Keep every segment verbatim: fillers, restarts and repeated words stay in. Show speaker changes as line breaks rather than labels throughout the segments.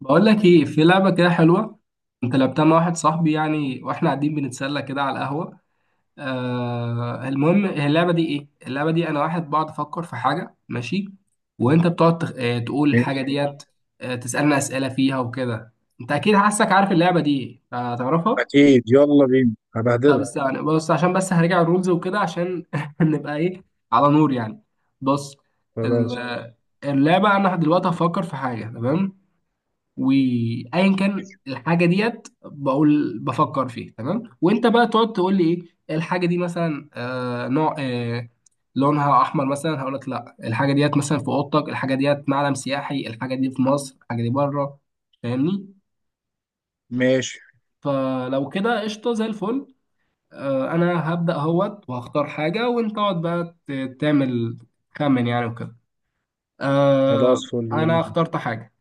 بقول لك ايه، في لعبه كده حلوه. انت لعبتها مع واحد صاحبي، يعني واحنا قاعدين بنتسلى كده على القهوه. آه المهم، هي اللعبه دي. ايه اللعبه دي؟ انا واحد بقعد افكر في حاجه، ماشي، وانت بتقعد تخ... آه تقول الحاجه
ماشي.
ديت. آه تسالنا اسئله فيها وكده. انت اكيد حاسك عارف اللعبه دي، هتعرفها.
أكيد، يلا بينا
طب
هبهدلك.
استنى، بص، عشان بس هرجع الرولز وكده، عشان نبقى ايه، على نور يعني. بص.
خلاص
ال- اللعبه، انا دلوقتي هفكر في حاجه، تمام؟ وايا كان الحاجه ديت، بقول بفكر فيه، تمام، وانت بقى تقعد تقول لي ايه الحاجه دي. مثلا آه نوع، آه لونها احمر مثلا، هقول لك لا. الحاجه ديت مثلا في اوضتك، الحاجه ديت معلم سياحي، الحاجه دي في مصر، الحاجه دي بره. فاهمني؟
ماشي.
فلو كده قشطه زي الفل. آه انا هبدا اهوت وهختار حاجه، وانت اقعد بقى ت- تعمل خمن يعني وكده. آه.
خلاص، فل يلا
انا
بينا.
اخترت حاجه.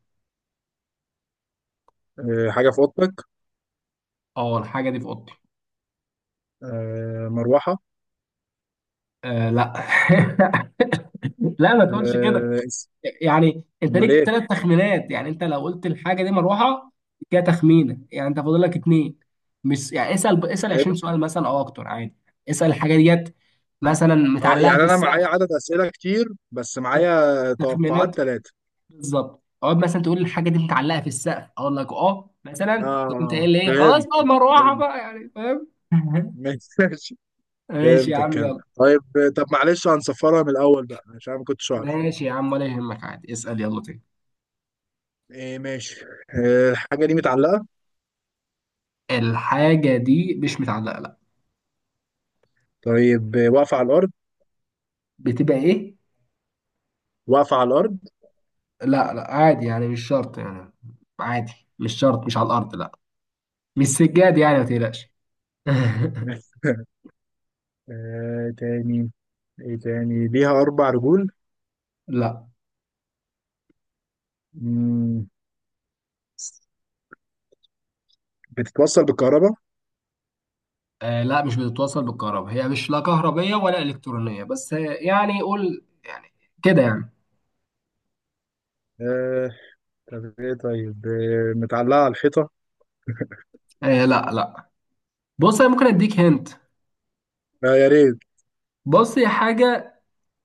أه، حاجة في أوضتك.
اه، الحاجه دي في اوضتي.
أه، مروحة.
آه لا لا ما تقولش كده،
أه اس-
يعني انت
أمال
ليك
إيه؟
ثلاث تخمينات. يعني انت لو قلت الحاجه دي مروحه، كده تخمينه. يعني انت فاضل لك اتنين. مش يعني اسال اسال
إيه
عشرين
ده؟
سؤال مثلا او اكتر عادي. اسال الحاجه ديت مثلا
أه
متعلقه
يعني
في
أنا معايا
السقف.
عدد أسئلة كتير، بس معايا توقعات
تخمينات،
ثلاثة.
بالظبط. اقعد مثلا تقول الحاجه دي متعلقه في السقف، اقول لك اه، مثلا تقوم انت
آه،
قايل لي ايه، خلاص
فهمت.
بقى مروحه
فهمت.
بقى. يعني فاهم
ماشي.
ماشي يا
فهمت
عم،
الكلام.
يلا.
طيب طب، معلش هنصفرها من الأول بقى، عشان أنا ما كنتش أعرف.
ماشي يا عم، ولا يهمك، عادي، اسال يلا تاني.
إيه ماشي. أه، الحاجة دي متعلقة.
الحاجه دي مش متعلقه، لا.
طيب آه، واقفة على الأرض.
بتبقى ايه؟
واقفة على الأرض.
لا لا، عادي يعني، مش شرط يعني، عادي، مش شرط، مش على الارض، لا. مش سجاد يعني، ما تقلقش
ماشي. أه، تاني. ايه تاني، ليها اربع رجول.
لا.
مم. بتتوصل بالكهرباء.
آه لا، مش بتتوصل بالكهرباء. هي مش لا كهربية ولا إلكترونية، بس آه، يعني قول يعني كده يعني.
آه. طب ايه، طيب آه. متعلقة على الحيطة.
آه لا لا. بص، أنا ممكن أديك هنت.
لا، يا ريت.
بص، هي حاجة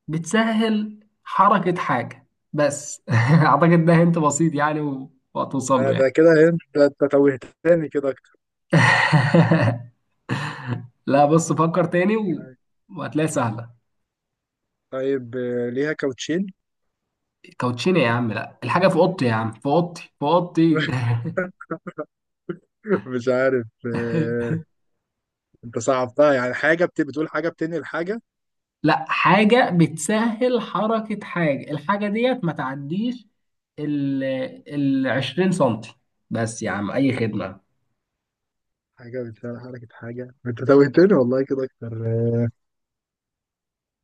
بتسهل حركة حاجة، بس أعتقد ده هنت بسيط يعني، و- وهتوصل
ده,
له يعني.
ده كده. انت أنت توهتني كده اكتر.
لا، بص، فكر تاني و- وهتلاقيها سهلة.
طيب آه. ليها كاوتشين.
كوتشينة يا عم؟ لا، الحاجة في أوضتي يا عم، في أوضتي، في أوضتي
مش عارف. آه، انت صعبتها، يعني حاجه بت... بتقول حاجه بتنقل حاجه.
لا، حاجة بتسهل حركة حاجة. الحاجة ديت ما تعديش ال ال عشرين سنتي بس يا عم، أي خدمة.
حاجه بتسهل حركه حاجه، انت توهتني والله كده اكتر. آه،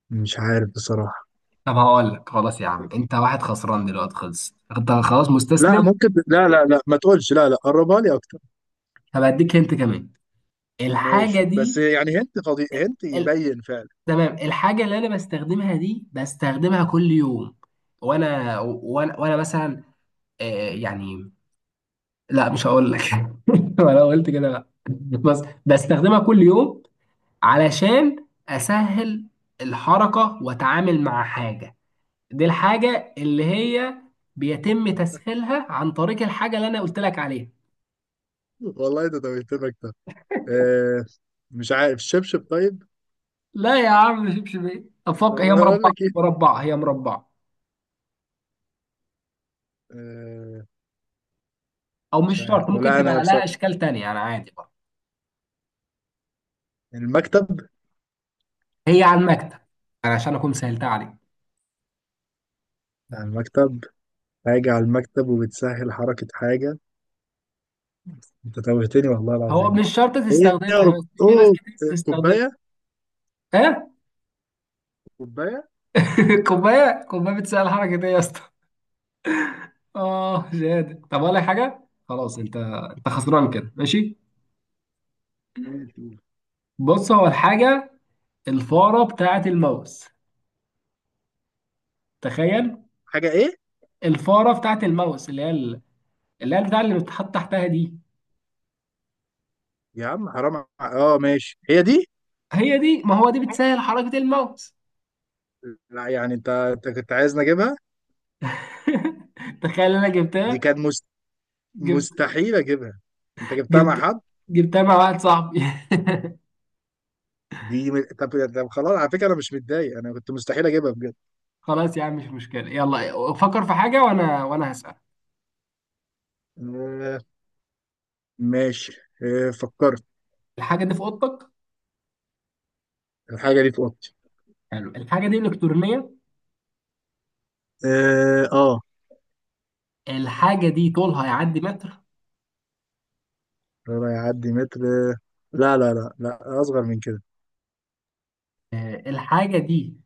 مش عارف بصراحه.
طب هقول لك خلاص يا عم، أنت واحد خسران دلوقتي، خلص أنت، خلاص
لا
مستسلم.
ممكن، لا لا لا، ما تقولش لا لا، قربها لي اكتر.
هبقى أديك هنت كمان. الحاجة
ماشي بس
دي
يعني هنت خضي... هنت،
ال...
يبين فعلا.
تمام. الحاجة اللي أنا بستخدمها دي بستخدمها كل يوم، وأنا وأنا, وأنا مثلا آه، يعني لا مش هقول لك انا قلت كده، لا. بس بستخدمها كل يوم علشان اسهل الحركه واتعامل مع حاجه. دي الحاجه اللي هي بيتم تسهيلها عن طريق الحاجه اللي انا قلت لك عليها.
والله ده توهتمك ده. آه، مش عارف. الشبشب طيب.
لا يا عم، شبشب افق؟ هي
اقول
مربعه
لك ايه.
مربعه هي مربعه.
آه،
او
مش
مش
عارف
شرط، ممكن
ولا انا
تبقى لها
بصراحة.
اشكال تانية، انا عادي برضه.
المكتب.
هي على المكتب. أنا عشان اكون سهلتها عليك.
على المكتب. حاجة على المكتب وبتسهل حركة حاجة، انت توهتني والله
هو
العظيم.
مش شرط
ايه يا
تستخدمها،
رب،
بس في ناس
اوه.
كتير بتستخدمها.
كوباية كوباية.
كوبايه؟ كوبايه بتسال الحركه دي يا اسطى؟ اه شهاده طب ولا حاجه. خلاص انت، انت خسران كده، ماشي.
ماشي.
بص، هو الحاجه الفاره بتاعه الماوس. تخيل.
حاجة ايه.
الفاره بتاعه الماوس اللي هي ال- اللي هي بتاع اللي بتتحط تحتها دي.
يا عم حرام ع- اه ماشي، هي دي.
هي دي، ما هو دي بتسهل حركه الماوس.
لا يعني، انت انت كنت عايزني اجيبها.
تخيل، انا
دي
جبتها.
كانت مست...
جبت
مستحيل اجيبها. انت جبتها مع
جبت
حد.
جبتها مع واحد صاحبي.
دي م... طب طب خلاص، على فكره انا مش متضايق، انا كنت مستحيل اجيبها بجد.
خلاص يا عم، مش مشكله. يلا فكر في حاجه، وانا وانا هسال.
آه ماشي. آه فكرت.
الحاجه دي في اوضتك؟
الحاجه دي في اوضتي.
حلو. الحاجه دي الكترونيه؟
اه آه.
الحاجة دي طولها يعدي متر؟
لا يعدي متر. آه، لا لا لا لا، اصغر من كده.
آه، الحاجة دي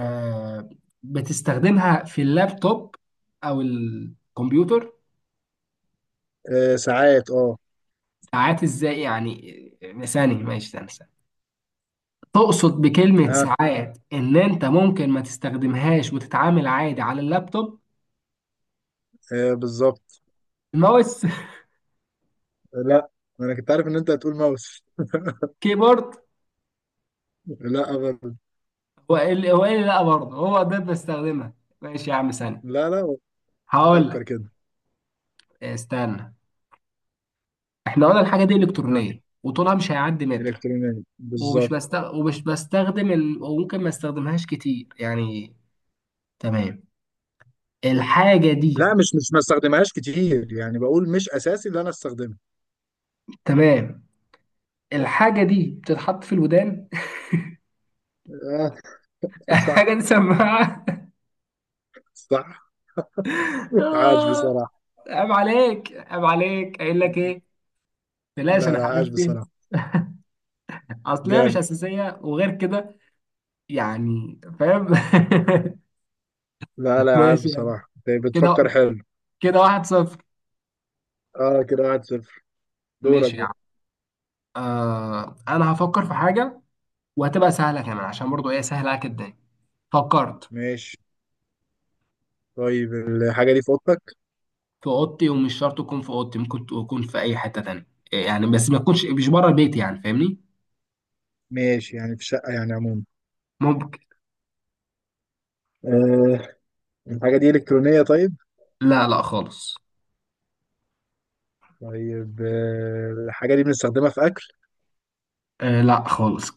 آه، بتستخدمها في اللابتوب أو الكمبيوتر؟
آه، ساعات اه.
ساعات إزاي يعني؟ آه، ثانية، ماشي، ثانية ثانية. تقصد بكلمة
ها،
ساعات إن أنت ممكن ما تستخدمهاش وتتعامل عادي على اللابتوب؟
آه بالظبط.
الماوس؟
لا. انا كنت عارف ان انت هتقول ماوس.
كيبورد؟
لا أبدا.
هو إيه اللي، هو إيه اللي لأ برضه هو ده بستخدمها؟ ماشي يا عم، ثانية،
لا لا،
هقول لك.
فكر كده.
آه، استنى. إحنا قلنا الحاجة دي
ها،
إلكترونية، وطولها مش هيعدي متر،
الكترونيه
ومش
بالظبط.
بستغ... ومش بستخدم ال... وممكن ما استخدمهاش كتير يعني. تمام. الحاجة دي
لا، مش مش ما استخدمهاش كتير يعني، بقول مش اساسي ان انا استخدمها.
تمام. الحاجة دي بتتحط في الودان.
آه.
حاجة
صح.
دي سماعة.
صح. عاش
آه،
بصراحه.
عيب عليك عيب عليك قايل لك ايه؟ بلاش،
لا
انا
لا،
عارف
عاش
فين.
بصراحة.
اصلها مش
جامد.
اساسية وغير كده، يعني فاهم.
لا لا، عاش
ماشي يعني.
بصراحة، انت بتفكر
كده،
حلو.
كده واحد صفر،
اه، كده واحد صفر. دورك
ماشي يعني.
بقى.
آه، انا هفكر في حاجة وهتبقى سهلة كمان عشان برضو ايه، سهلة جدا. فكرت.
ماشي. طيب الحاجة دي في اوضتك.
في اوضتي، ومش شرط تكون في اوضتي، ممكن تكون في اي حته تانية. إيه، يعني بس ما تكونش مش بره البيت، يعني فاهمني.
ماشي يعني، في شقة يعني عموما.
ممكن.
آه. الحاجة دي إلكترونية طيب.
لا لا خالص.
طيب آه، الحاجة دي بنستخدمها في أكل.
آه لا خالص.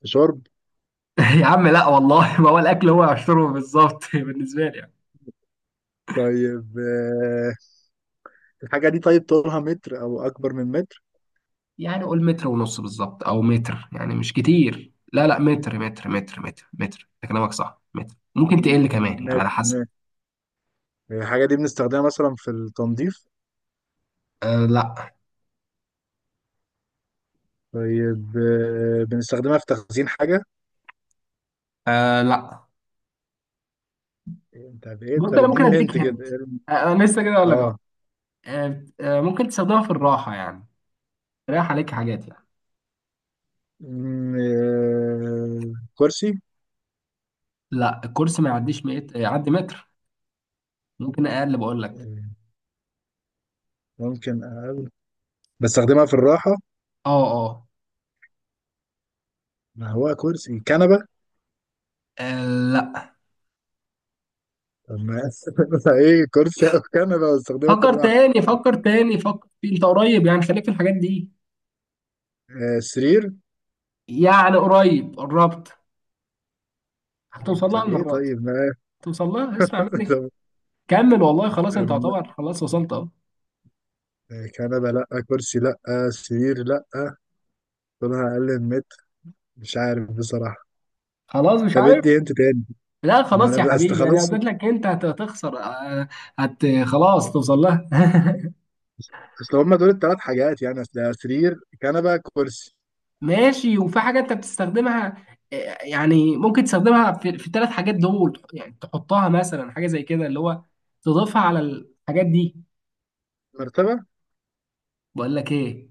في شرب.
يا عم لا والله، ما هو الاكل هو عشره بالظبط بالنسبه لي يعني.
طيب آه، الحاجة دي طيب، طولها متر أو أكبر من متر.
يعني قول متر ونص بالظبط او متر، يعني مش كتير، لا لا، متر متر متر متر متر، انت كلامك صح، متر، ممكن تقل كمان يعني
متر
على حسب.
متر. الحاجة دي بنستخدمها مثلا في التنظيف.
آه لا.
طيب آه، بنستخدمها في تخزين حاجة.
آه لا.
انت بايه،
بص،
طب
انا ممكن
اديني
اديك
هنت كده.
هنت. آه، انا لسه كده اقول لك اهو.
اه.
آه آه، ممكن تستخدمها في الراحه يعني، تريح عليك حاجات يعني.
مم، آه، كرسي.
لا، الكرسي ما يعديش ميت... يعدي متر، ممكن اقل بقول لك.
آه، ممكن أقابل. بستخدمها في الراحة.
اه اه
ما هو كرسي، كنبة.
آه، لا.
طب ما ايه، كرسي او كنبة بستخدمها في
فكر
الراحة.
تاني فكر تاني فكر، في انت قريب يعني، خليك في الحاجات دي.
آه، سرير.
يعني قريب، قربت، هتوصل لها
طب ايه،
المرة دي.
طيب ما.
هتوصل لها، اسمع مني،
طب
كمل، والله خلاص، انت
ما-
هتعتبر خلاص وصلت اهو.
آه، كنبة لا، كرسي لا، سرير لا. طولها اقل من متر. مش عارف بصراحة.
خلاص مش
طب
عارف.
ادي انت تاني.
لا
ما
خلاص يا
انا اصل
حبيبي، انا
خلاص.
قلت لك انت هت- هتخسر. آه، هت خلاص، توصل لها
اصل هما دول الثلاث حاجات يعني، اصل سرير، كنبة، كرسي.
ماشي، وفي حاجة انت بتستخدمها آه، يعني ممكن تستخدمها في في الثلاث حاجات دول، يعني تحطها مثلا حاجة زي كده اللي هو، تضيفها على الحاجات دي.
مرتبة.
بقول لك ايه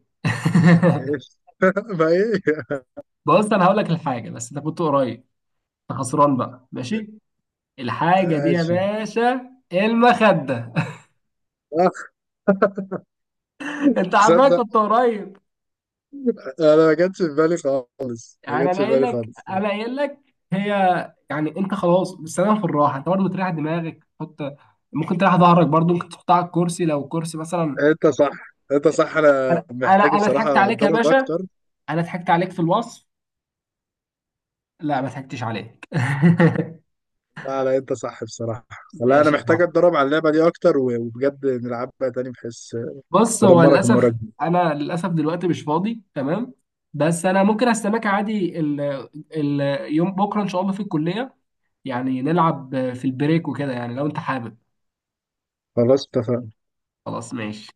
ايه. ما ايه.
بص، انا هقول لك الحاجة، بس انت كنت قريب، انت خسران بقى، ماشي. الحاجة دي يا
ماشي.
باشا المخدة. انت عارفها،
تصدق،
كنت قريب.
انا ما جاتش في بالي خالص، ما
يعني
جاتش
انا
في
قايل
بالي
لك
خالص.
انا قايل لك هي يعني انت خلاص بالسلام، في الراحة انت برضه تريح دماغك، تحط، ممكن تريح ظهرك برضه، ممكن تحطها على الكرسي لو الكرسي مثلا.
انت صح، انت صح،
انا
انا
انا
محتاج
انا ضحكت
بصراحه
عليك يا
اتدرب
باشا.
اكتر.
انا ضحكت عليك في الوصف. لا، ما ضحكتش عليك.
لا لا، انت صح بصراحه. لا، انا
ماشي يا
محتاج
عم.
اتدرب على اللعبه دي اكتر، و- وبجد نلعبها تاني، بحيث
بص هو
ادمرك المره
للاسف،
الجايه.
انا للاسف دلوقتي مش فاضي، تمام؟ بس انا ممكن استناك عادي، ال ال يوم بكره ان شاء الله في الكليه، يعني نلعب في البريك وكده يعني لو انت حابب.
خلاص اتفقنا.
خلاص ماشي.